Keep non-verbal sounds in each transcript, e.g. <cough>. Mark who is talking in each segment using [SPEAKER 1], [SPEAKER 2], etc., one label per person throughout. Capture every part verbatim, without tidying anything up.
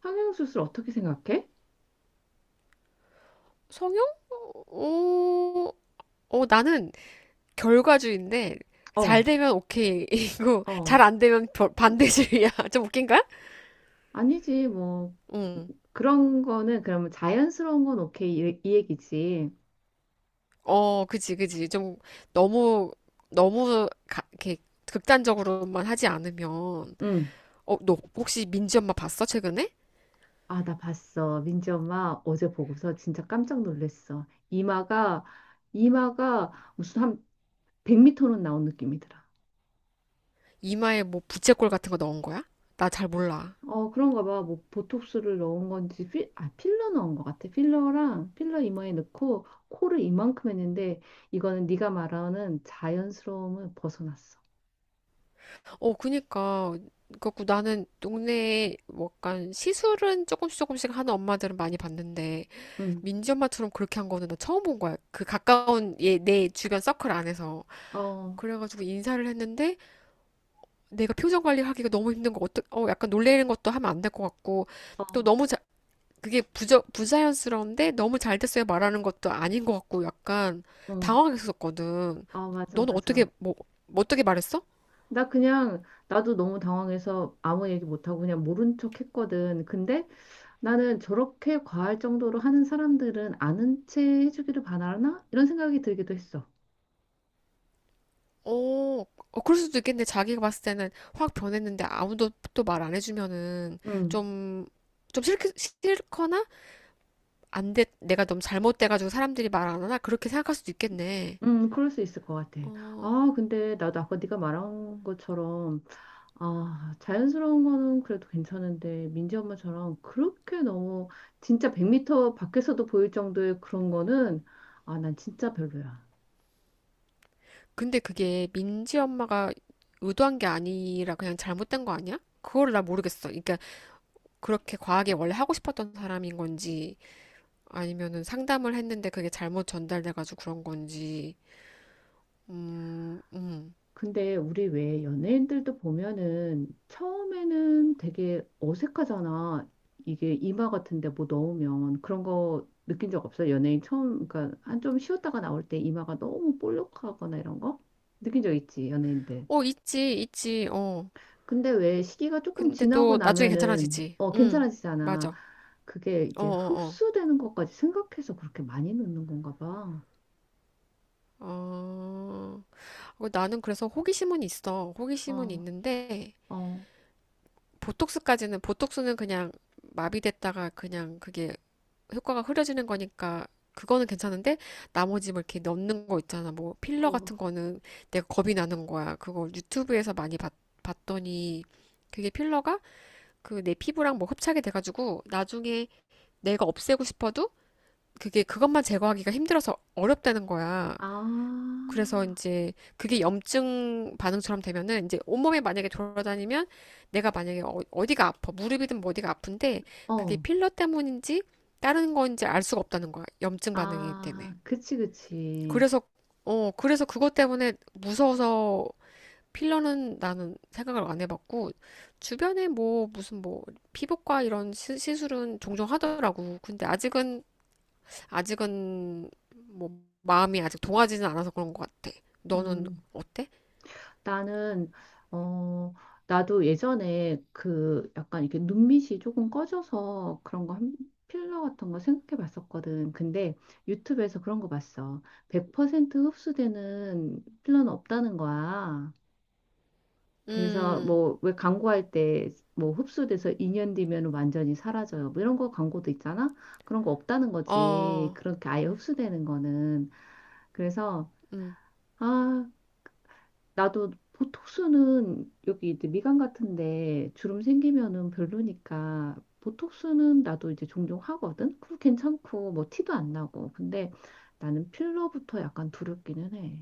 [SPEAKER 1] 성형수술 어떻게 생각해?
[SPEAKER 2] 성형? 어, 어, 나는 결과주의인데, 잘
[SPEAKER 1] 어,
[SPEAKER 2] 되면 오케이이고, <laughs>
[SPEAKER 1] 어.
[SPEAKER 2] 잘 안 되면 별- 반대주의야. <laughs> 좀 웃긴가?
[SPEAKER 1] 아니지, 뭐.
[SPEAKER 2] 응.
[SPEAKER 1] 그런 거는 그러면 자연스러운 건 오케이. 이, 이 얘기지.
[SPEAKER 2] 어, 그지, 그지. 좀 너무, 너무, 가- 이렇게 극단적으로만 하지 않으면,
[SPEAKER 1] 응.
[SPEAKER 2] 어, 너 혹시 민지 엄마 봤어? 최근에?
[SPEAKER 1] 아, 나 봤어. 민지 엄마 어제 보고서 진짜 깜짝 놀랐어. 이마가, 이마가 무슨 한 백 미터는 나온 느낌이더라.
[SPEAKER 2] 이마에 뭐 부채꼴 같은 거 넣은 거야? 나 잘 몰라.
[SPEAKER 1] 어, 그런가 봐. 뭐, 보톡스를 넣은 건지, 필, 아, 필러 넣은 것 같아. 필러랑, 필러 이마에 넣고, 코를 이만큼 했는데, 이거는 네가 말하는 자연스러움을 벗어났어.
[SPEAKER 2] 어, 그니까. 그래갖고 나는 동네에 뭐 약간 시술은 조금씩 조금씩 하는 엄마들은 많이 봤는데,
[SPEAKER 1] 응.
[SPEAKER 2] 민지 엄마처럼 그렇게 한 거는 나 처음 본 거야. 그 가까운 얘, 내 주변 서클 안에서.
[SPEAKER 1] 어,
[SPEAKER 2] 그래가지고 인사를 했는데 내가 표정 관리하기가 너무 힘든 거 어떡, 어, 약간 놀래는 것도 하면 안 될 것 같고,
[SPEAKER 1] 어,
[SPEAKER 2] 또 너무 자, 그게 부자, 부자연스러운데 너무 잘 됐어요 말하는 것도 아닌 것 같고 약간
[SPEAKER 1] 어,
[SPEAKER 2] 당황했었거든.
[SPEAKER 1] 아, 맞아,
[SPEAKER 2] 너는 어떻게
[SPEAKER 1] 맞아.
[SPEAKER 2] 뭐 뭐 어떻게 말했어?
[SPEAKER 1] 나 그냥, 나도 너무 당황해서 아무 얘기 못하고 그냥 모른 척 했거든. 근데 나는 저렇게 과할 정도로 하는 사람들은 아는 채 해주기를 바라나? 이런 생각이 들기도 했어.
[SPEAKER 2] 어, 어, 그럴 수도 있겠네. 자기가 봤을 때는 확 변했는데 아무도 또 말 안 해주면은
[SPEAKER 1] 음,
[SPEAKER 2] 좀, 좀 싫, 싫거나, 안 돼, 내가 너무 잘못돼가지고 사람들이 말 안 하나? 그렇게 생각할 수도 있겠네.
[SPEAKER 1] 음, 그럴 수 있을 것 같아.
[SPEAKER 2] 어,
[SPEAKER 1] 아, 근데 나도 아까 네가 말한 것처럼, 아, 자연스러운 거는 그래도 괜찮은데, 민지 엄마처럼 그렇게 너무, 진짜 백 미터 밖에서도 보일 정도의 그런 거는, 아, 난 진짜 별로야.
[SPEAKER 2] 근데 그게 민지 엄마가 의도한 게 아니라 그냥 잘못된 거 아니야? 그걸 나 모르겠어. 그러니까 그렇게 과하게 원래 하고 싶었던 사람인 건지, 아니면은 상담을 했는데 그게 잘못 전달돼가지고 그런 건지. 음, 음.
[SPEAKER 1] 근데 우리 왜 연예인들도 보면은 처음에는 되게 어색하잖아. 이게 이마 같은데 뭐 넣으면 그런 거 느낀 적 없어? 연예인 처음, 그러니까 한 좀 쉬었다가 나올 때 이마가 너무 볼록하거나 이런 거? 느낀 적 있지, 연예인들.
[SPEAKER 2] 어, 있지, 있지. 어.
[SPEAKER 1] 근데 왜 시기가 조금
[SPEAKER 2] 근데
[SPEAKER 1] 지나고
[SPEAKER 2] 또 나중에
[SPEAKER 1] 나면은
[SPEAKER 2] 괜찮아지지.
[SPEAKER 1] 어,
[SPEAKER 2] 응,
[SPEAKER 1] 괜찮아지잖아.
[SPEAKER 2] 맞아.
[SPEAKER 1] 그게
[SPEAKER 2] 어,
[SPEAKER 1] 이제
[SPEAKER 2] 어,
[SPEAKER 1] 흡수되는 것까지 생각해서 그렇게 많이 넣는 건가 봐.
[SPEAKER 2] 어. 어, 어, 나는 그래서 호기심은 있어. 호기심은
[SPEAKER 1] 어,
[SPEAKER 2] 있는데,
[SPEAKER 1] 어,
[SPEAKER 2] 보톡스까지는, 보톡스는 그냥 마비됐다가 그냥 그게 효과가 흐려지는 거니까, 그거는 괜찮은데, 나머지 뭐 이렇게 넣는 거 있잖아. 뭐 필러
[SPEAKER 1] 어,
[SPEAKER 2] 같은 거는 내가 겁이 나는 거야. 그걸 유튜브에서 많이 봤, 봤더니, 그게 필러가 그 내 피부랑 뭐 흡착이 돼가지고, 나중에 내가 없애고 싶어도 그게, 그것만 제거하기가 힘들어서 어렵다는 거야.
[SPEAKER 1] 아,
[SPEAKER 2] 그래서 이제 그게 염증 반응처럼 되면은 이제 온몸에 만약에 돌아다니면, 내가 만약에 어, 어디가 아파, 무릎이든 뭐 어디가 아픈데, 그게
[SPEAKER 1] 어.
[SPEAKER 2] 필러 때문인지 다른 건지 알 수가 없다는 거야. 염증 반응이기 때문에.
[SPEAKER 1] 아, 그치, 그치.
[SPEAKER 2] 그래서 어 그래서 그것 때문에 무서워서, 필러는 나는 생각을 안 해봤고, 주변에 뭐 무슨 뭐 피부과 이런 시, 시술은 종종 하더라고. 근데 아직은 아직은 뭐 마음이 아직 동하지는 않아서 그런 것 같아. 너는
[SPEAKER 1] 음,
[SPEAKER 2] 어때?
[SPEAKER 1] 나는, 어, 나도 예전에 그 약간 이렇게 눈밑이 조금 꺼져서 그런 거 한, 필러 같은 거 생각해 봤었거든. 근데 유튜브에서 그런 거 봤어. 백 퍼센트 흡수되는 필러는 없다는 거야. 그래서
[SPEAKER 2] 음,
[SPEAKER 1] 뭐 왜 광고할 때 뭐 흡수돼서 이 년 뒤면 완전히 사라져요. 뭐 이런 거 광고도 있잖아. 그런 거 없다는 거지.
[SPEAKER 2] 어,
[SPEAKER 1] 그렇게 아예 흡수되는 거는. 그래서
[SPEAKER 2] 음,
[SPEAKER 1] 아, 나도 보톡스는 여기 이제 미간 같은데 주름 생기면은 별로니까 보톡스는 나도 이제 종종 하거든. 그거 괜찮고 뭐 티도 안 나고. 근데 나는 필러부터 약간 두렵기는 해.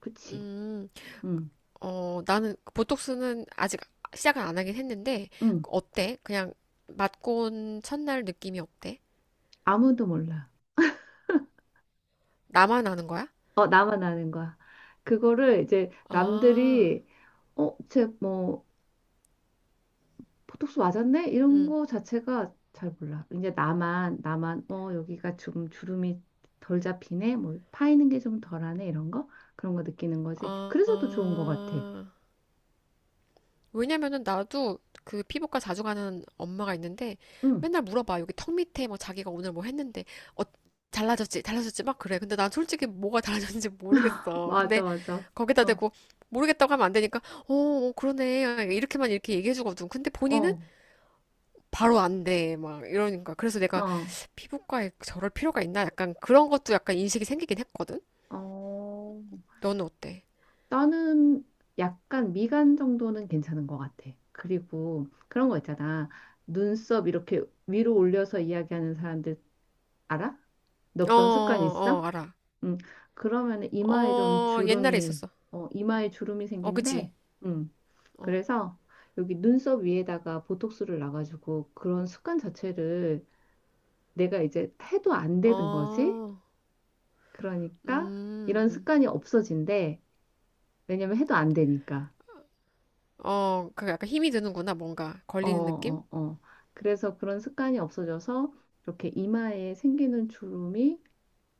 [SPEAKER 1] 그치?
[SPEAKER 2] 음,
[SPEAKER 1] 응,
[SPEAKER 2] 어, 나는 보톡스는 아직 시작을 안 하긴 했는데,
[SPEAKER 1] 응.
[SPEAKER 2] 어때? 그냥 맞고 온 첫날 느낌이 어때?
[SPEAKER 1] 아무도 몰라.
[SPEAKER 2] 나만 아는 거야?
[SPEAKER 1] 어, 나만 아는 거야. 그거를 이제
[SPEAKER 2] 아,
[SPEAKER 1] 남들이 어, 쟤뭐 보톡스 맞았네? 이런
[SPEAKER 2] 음,
[SPEAKER 1] 거 자체가 잘 몰라. 이제 나만, 나만, 어, 여기가 좀 주름이 덜 잡히네? 뭐, 파이는 게 좀 덜하네? 이런 거? 그런 거 느끼는 거지. 그래서 더 좋은 거 같아.
[SPEAKER 2] 아, 왜냐면은 나도 그 피부과 자주 가는 엄마가 있는데,
[SPEAKER 1] 응,
[SPEAKER 2] 맨날 물어봐. 여기 턱 밑에 뭐 자기가 오늘 뭐 했는데 어 잘라졌지? 잘라졌지? 막 그래. 근데 난 솔직히 뭐가 달라졌는지 모르겠어.
[SPEAKER 1] 맞아,
[SPEAKER 2] 근데
[SPEAKER 1] 맞아.
[SPEAKER 2] 거기다
[SPEAKER 1] 어,
[SPEAKER 2] 대고 모르겠다고 하면 안 되니까, 어, 어, 그러네. 이렇게만 이렇게 얘기해 주거든. 근데 본인은
[SPEAKER 1] 어,
[SPEAKER 2] 바로 안 돼. 막 이러니까. 그래서 내가,
[SPEAKER 1] 어,
[SPEAKER 2] 피부과에 저럴 필요가 있나? 약간 그런 것도 약간 인식이 생기긴 했거든.
[SPEAKER 1] 어.
[SPEAKER 2] 너는 어때?
[SPEAKER 1] 나는 약간 미간 정도는 괜찮은 것 같아. 그리고 그런 거 있잖아. 눈썹 이렇게 위로 올려서 이야기하는 사람들 알아? 너
[SPEAKER 2] 어,
[SPEAKER 1] 그런 습관
[SPEAKER 2] 어,
[SPEAKER 1] 있어?
[SPEAKER 2] 알아.
[SPEAKER 1] 음, 그러면 이마에 좀
[SPEAKER 2] 어, 옛날에
[SPEAKER 1] 주름이,
[SPEAKER 2] 있었어.
[SPEAKER 1] 어, 이마에 주름이
[SPEAKER 2] 어, 그지?
[SPEAKER 1] 생긴대. 음,
[SPEAKER 2] 어.
[SPEAKER 1] 그래서 여기 눈썹 위에다가 보톡스를 놔가지고 그런 습관 자체를 내가 이제 해도 안 되는 거지.
[SPEAKER 2] 어,
[SPEAKER 1] 그러니까 이런
[SPEAKER 2] 음,
[SPEAKER 1] 습관이 없어진대. 왜냐면 해도 안 되니까.
[SPEAKER 2] 어, 그 약간 힘이 드는구나, 뭔가.
[SPEAKER 1] 어,
[SPEAKER 2] 걸리는 느낌?
[SPEAKER 1] 어, 어. 그래서 그런 습관이 없어져서 이렇게 이마에 생기는 주름이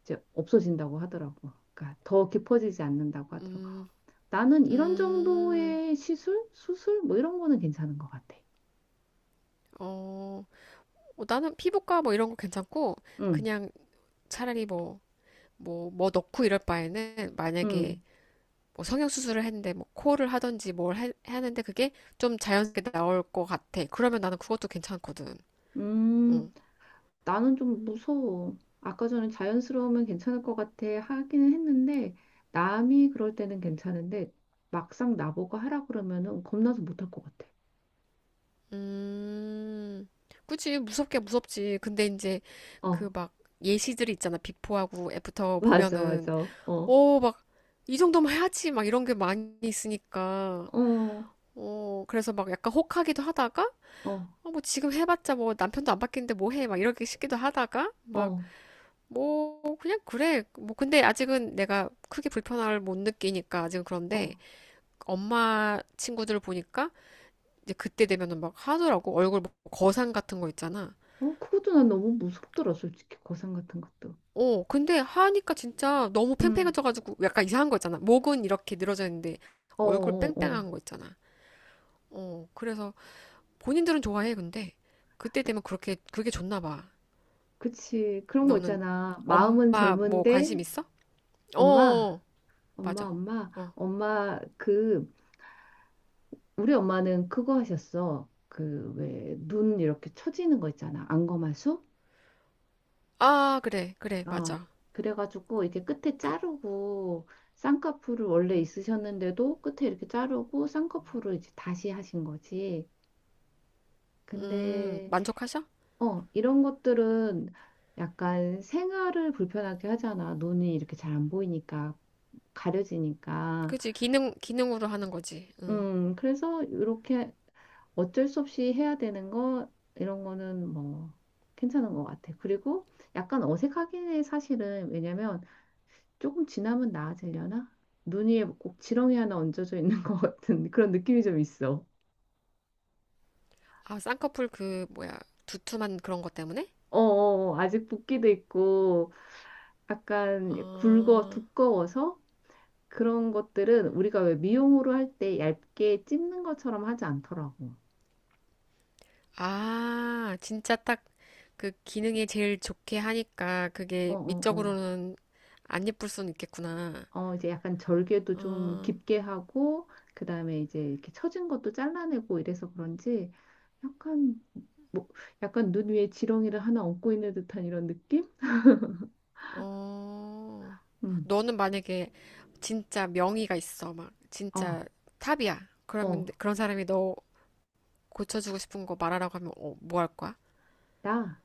[SPEAKER 1] 이제 없어진다고 하더라고. 그러니까 더 깊어지지 않는다고 하더라고.
[SPEAKER 2] 음,
[SPEAKER 1] 나는 이런
[SPEAKER 2] 음,
[SPEAKER 1] 정도의 시술, 수술 뭐 이런 거는 괜찮은 것 같아.
[SPEAKER 2] 어, 어, 나는 피부과 뭐 이런 거 괜찮고,
[SPEAKER 1] 응,
[SPEAKER 2] 그냥 차라리 뭐, 뭐, 뭐 넣고 이럴 바에는, 만약에
[SPEAKER 1] 응,
[SPEAKER 2] 뭐 성형수술을 했는데, 뭐 코를 하든지 뭘 해, 하는데, 그게 좀 자연스럽게 나올 것 같아. 그러면 나는 그것도 괜찮거든. 어.
[SPEAKER 1] 음, 나는 좀 무서워. 아까 전에 자연스러우면 괜찮을 것 같아 하기는 했는데 남이 그럴 때는 괜찮은데 막상 나보고 하라 그러면은 겁나서 못할 것 같아.
[SPEAKER 2] 음, 그치, 무섭게 무섭지. 근데 이제
[SPEAKER 1] 어,
[SPEAKER 2] 그 막 예시들이 있잖아. 비포하고
[SPEAKER 1] <laughs>
[SPEAKER 2] 애프터
[SPEAKER 1] 맞아,
[SPEAKER 2] 보면은,
[SPEAKER 1] 맞아. 어,
[SPEAKER 2] 어, 막, 이정도만 해야지. 막 이런 게 많이 있으니까.
[SPEAKER 1] 어,
[SPEAKER 2] 어, 그래서 막 약간 혹하기도 하다가,
[SPEAKER 1] 어,
[SPEAKER 2] 어, 뭐 지금 해봤자 뭐 남편도 안 바뀌는데 뭐 해. 막 이렇게 싶기도 하다가, 막,
[SPEAKER 1] 어,
[SPEAKER 2] 뭐, 그냥 그래. 뭐, 근데 아직은 내가 크게 불편함을 못 느끼니까 아직은
[SPEAKER 1] 어,
[SPEAKER 2] 그런데, 엄마 친구들 을 보니까, 이제 그때 되면은 막 하더라고. 얼굴 뭐 거상 같은 거 있잖아.
[SPEAKER 1] 어. 그것도 난 너무 무섭더라, 솔직히 고상 같은 것도.
[SPEAKER 2] 어, 근데 하니까 진짜 너무
[SPEAKER 1] 응,
[SPEAKER 2] 팽팽해져가지고 약간 이상한 거 있잖아. 목은 이렇게 늘어져 있는데
[SPEAKER 1] 어,
[SPEAKER 2] 얼굴
[SPEAKER 1] 어,
[SPEAKER 2] 뺑뺑한 거 있잖아. 어, 그래서 본인들은 좋아해, 근데. 그때
[SPEAKER 1] 어.
[SPEAKER 2] 되면 그렇게, 그게 좋나 봐.
[SPEAKER 1] 그치. 그런 거
[SPEAKER 2] 너는
[SPEAKER 1] 있잖아. 마음은
[SPEAKER 2] 엄마 뭐 관심
[SPEAKER 1] 젊은데,
[SPEAKER 2] 있어?
[SPEAKER 1] 엄마,
[SPEAKER 2] 어,
[SPEAKER 1] 엄마,
[SPEAKER 2] 맞아.
[SPEAKER 1] 엄마,
[SPEAKER 2] 어.
[SPEAKER 1] 엄마, 그, 우리 엄마는 그거 하셨어. 그, 왜, 눈 이렇게 처지는 거 있잖아. 안검하수?
[SPEAKER 2] 아, 그래, 그래,
[SPEAKER 1] 어.
[SPEAKER 2] 맞아.
[SPEAKER 1] 그래가지고, 이렇게 끝에 자르고, 쌍꺼풀을 원래 있으셨는데도 끝에 이렇게 자르고, 쌍꺼풀을 이제 다시 하신 거지.
[SPEAKER 2] 음,
[SPEAKER 1] 근데,
[SPEAKER 2] 만족하셔?
[SPEAKER 1] 어, 이런 것들은 약간 생활을 불편하게 하잖아. 눈이 이렇게 잘 안 보이니까. 가려지니까.
[SPEAKER 2] 그치, 기능, 기능으로 하는 거지. 응.
[SPEAKER 1] 음, 그래서 이렇게 어쩔 수 없이 해야 되는 거, 이런 거는 뭐 괜찮은 것 같아. 그리고 약간 어색하긴 해, 사실은. 왜냐면 조금 지나면 나아지려나? 눈 위에 꼭 지렁이 하나 얹어져 있는 <laughs> 것 같은 그런 느낌이 좀 있어.
[SPEAKER 2] 아, 쌍꺼풀 그, 뭐야, 두툼한 그런 것 때문에?
[SPEAKER 1] 어어 어. 아직 붓기도 있고, 약간 굵어,
[SPEAKER 2] 어,
[SPEAKER 1] 두꺼워서 그런 것들은 우리가 왜 미용으로 할 때 얇게 찝는 것처럼 하지 않더라고.
[SPEAKER 2] 아, 진짜 딱 그 기능에 제일 좋게 하니까 그게
[SPEAKER 1] 어어어.
[SPEAKER 2] 미적으로는 안 예쁠 수는 있겠구나.
[SPEAKER 1] 어, 이제 약간 절개도 좀
[SPEAKER 2] 어,
[SPEAKER 1] 깊게 하고, 그 다음에 이제 이렇게 처진 것도 잘라내고 이래서 그런지, 약간, 뭐, 약간 눈 위에 지렁이를 하나 얹고 있는 듯한 이런 느낌?
[SPEAKER 2] 어,
[SPEAKER 1] 음.
[SPEAKER 2] 너는 만약에 진짜 명의가 있어. 막,
[SPEAKER 1] 어,
[SPEAKER 2] 진짜 탑이야.
[SPEAKER 1] 어,
[SPEAKER 2] 그러면 그런 사람이 너 고쳐주고 싶은 거 말하라고 하면, 어, 뭐 할 거야?
[SPEAKER 1] 나,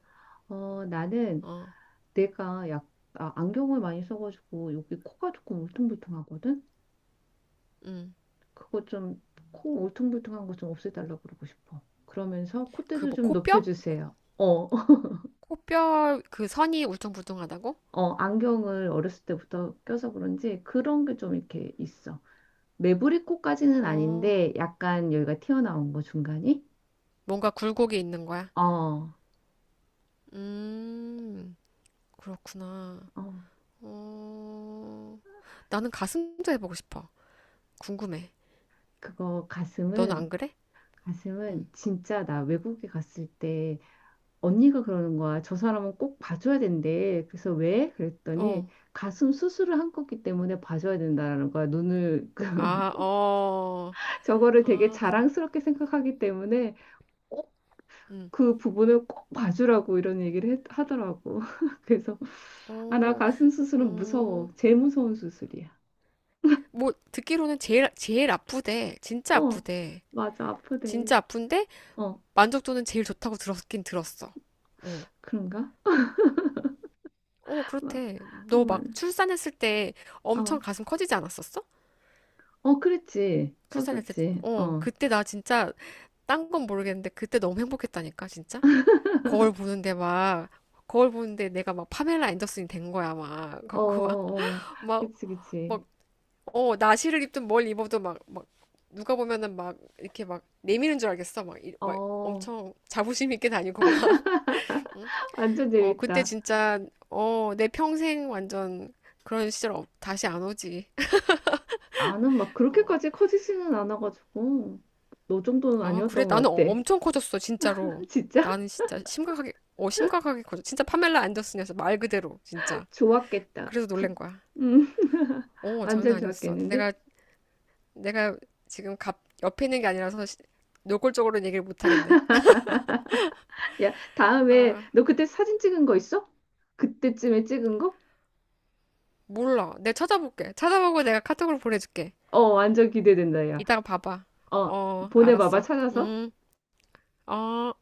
[SPEAKER 1] 어, 나는
[SPEAKER 2] 어,
[SPEAKER 1] 내가 약, 아, 안경을 많이 써가지고 여기 코가 조금 울퉁불퉁하거든?
[SPEAKER 2] 음.
[SPEAKER 1] 그거 좀, 코 울퉁불퉁한 거 좀 없애달라고 그러고 싶어. 그러면서
[SPEAKER 2] 그
[SPEAKER 1] 콧대도
[SPEAKER 2] 뭐
[SPEAKER 1] 좀
[SPEAKER 2] 코뼈?
[SPEAKER 1] 높여주세요. 어,
[SPEAKER 2] 코뼈 그 선이 울퉁불퉁하다고?
[SPEAKER 1] 어, 안경을 어렸을 때부터 껴서 그런지 그런 게 좀 이렇게 있어. 매부리 코까지는
[SPEAKER 2] 어,
[SPEAKER 1] 아닌데 약간 여기가 튀어나온 거 중간이?
[SPEAKER 2] 뭔가 굴곡이 있는 거야.
[SPEAKER 1] 어,
[SPEAKER 2] 음. 그렇구나.
[SPEAKER 1] 어,
[SPEAKER 2] 어, 나는 가슴도 해보고 싶어. 궁금해.
[SPEAKER 1] 그거
[SPEAKER 2] 너는 안
[SPEAKER 1] 가슴은
[SPEAKER 2] 그래? 응.
[SPEAKER 1] 가슴은 진짜 나 외국에 갔을 때 언니가 그러는 거야. 저 사람은 꼭 봐줘야 된대. 그래서 왜?
[SPEAKER 2] 어.
[SPEAKER 1] 그랬더니 가슴 수술을 한 거기 때문에 봐줘야 된다라는 거야. 눈을 <laughs> 그
[SPEAKER 2] 아, 어.
[SPEAKER 1] 저거를 되게
[SPEAKER 2] 아,
[SPEAKER 1] 자랑스럽게 생각하기 때문에
[SPEAKER 2] 응.
[SPEAKER 1] 그 부분을 꼭 봐주라고 이런 얘기를 했- 하더라고. <laughs> 그래서 아, 나
[SPEAKER 2] 어,
[SPEAKER 1] 가슴 수술은
[SPEAKER 2] 어.
[SPEAKER 1] 무서워. 제일 무서운 수술이야.
[SPEAKER 2] 뭐, 듣기로는 제일, 제일 아프대. 진짜
[SPEAKER 1] 어,
[SPEAKER 2] 아프대.
[SPEAKER 1] 맞아. 아프대.
[SPEAKER 2] 진짜 아픈데,
[SPEAKER 1] 어,
[SPEAKER 2] 만족도는 제일 좋다고 들었긴 들었어. 어.
[SPEAKER 1] 그런가?
[SPEAKER 2] 어,
[SPEAKER 1] 마-
[SPEAKER 2] 그렇대.
[SPEAKER 1] 어,
[SPEAKER 2] 너
[SPEAKER 1] 맞아.
[SPEAKER 2] 막 출산했을 때 엄청
[SPEAKER 1] 어,
[SPEAKER 2] 가슴 커지지 않았었어?
[SPEAKER 1] 어, 그랬지.
[SPEAKER 2] 출산했을 때,
[SPEAKER 1] 커졌지.
[SPEAKER 2] 어,
[SPEAKER 1] 어,
[SPEAKER 2] 그때 나 진짜, 딴 건 모르겠는데, 그때 너무 행복했다니까, 진짜? 거울 보는데 막 거울 보는데 내가 막 파멜라 앤더슨이 된 거야, 막
[SPEAKER 1] 어,
[SPEAKER 2] 그거
[SPEAKER 1] 어, 그치, 그치.
[SPEAKER 2] 막막막어, 나시를 입든 뭘 입어도 막 막, 누가 보면은 막 이렇게 막 내미는 줄 알겠어. 막, 이- 막
[SPEAKER 1] 어,
[SPEAKER 2] 엄청 자부심 있게 다니고 막. <laughs> 응?
[SPEAKER 1] 완전
[SPEAKER 2] 어 그때
[SPEAKER 1] 재밌다.
[SPEAKER 2] 진짜, 어 내 평생 완전 그런 시절 없- 다시 안 오지. <laughs>
[SPEAKER 1] 나는 막
[SPEAKER 2] 어,
[SPEAKER 1] 그렇게까지 커지지는 않아가지고 너 정도는
[SPEAKER 2] 아, 그래.
[SPEAKER 1] 아니었던
[SPEAKER 2] 나는
[SPEAKER 1] 것 같아.
[SPEAKER 2] 엄청 커졌어 진짜로.
[SPEAKER 1] <laughs> 진짜
[SPEAKER 2] 나는 진짜 심각하게 어 심각하게 커져. 진짜 파멜라 앤더슨이었어, 말 그대로 진짜.
[SPEAKER 1] 좋았겠다.
[SPEAKER 2] 그래서
[SPEAKER 1] 부-
[SPEAKER 2] 놀란 거야.
[SPEAKER 1] 음,
[SPEAKER 2] 오,
[SPEAKER 1] 완전
[SPEAKER 2] 장난 아니었어.
[SPEAKER 1] 좋았겠는데?
[SPEAKER 2] 내가, 내가 지금 갑, 옆에 있는 게 아니라서 시- 노골적으로는 얘기를 못 하겠네.
[SPEAKER 1] 야, 다음에
[SPEAKER 2] 아,
[SPEAKER 1] 너 그때 사진 찍은 거 있어? 그때쯤에 찍은 거?
[SPEAKER 2] 몰라. 내가 찾아볼게. 찾아보고 내가 카톡으로 보내줄게.
[SPEAKER 1] 어, 완전 기대된다, 야.
[SPEAKER 2] 이따가 봐봐.
[SPEAKER 1] 어,
[SPEAKER 2] 어,
[SPEAKER 1] 보내봐봐,
[SPEAKER 2] 알았어.
[SPEAKER 1] 찾아서.
[SPEAKER 2] 음, 어.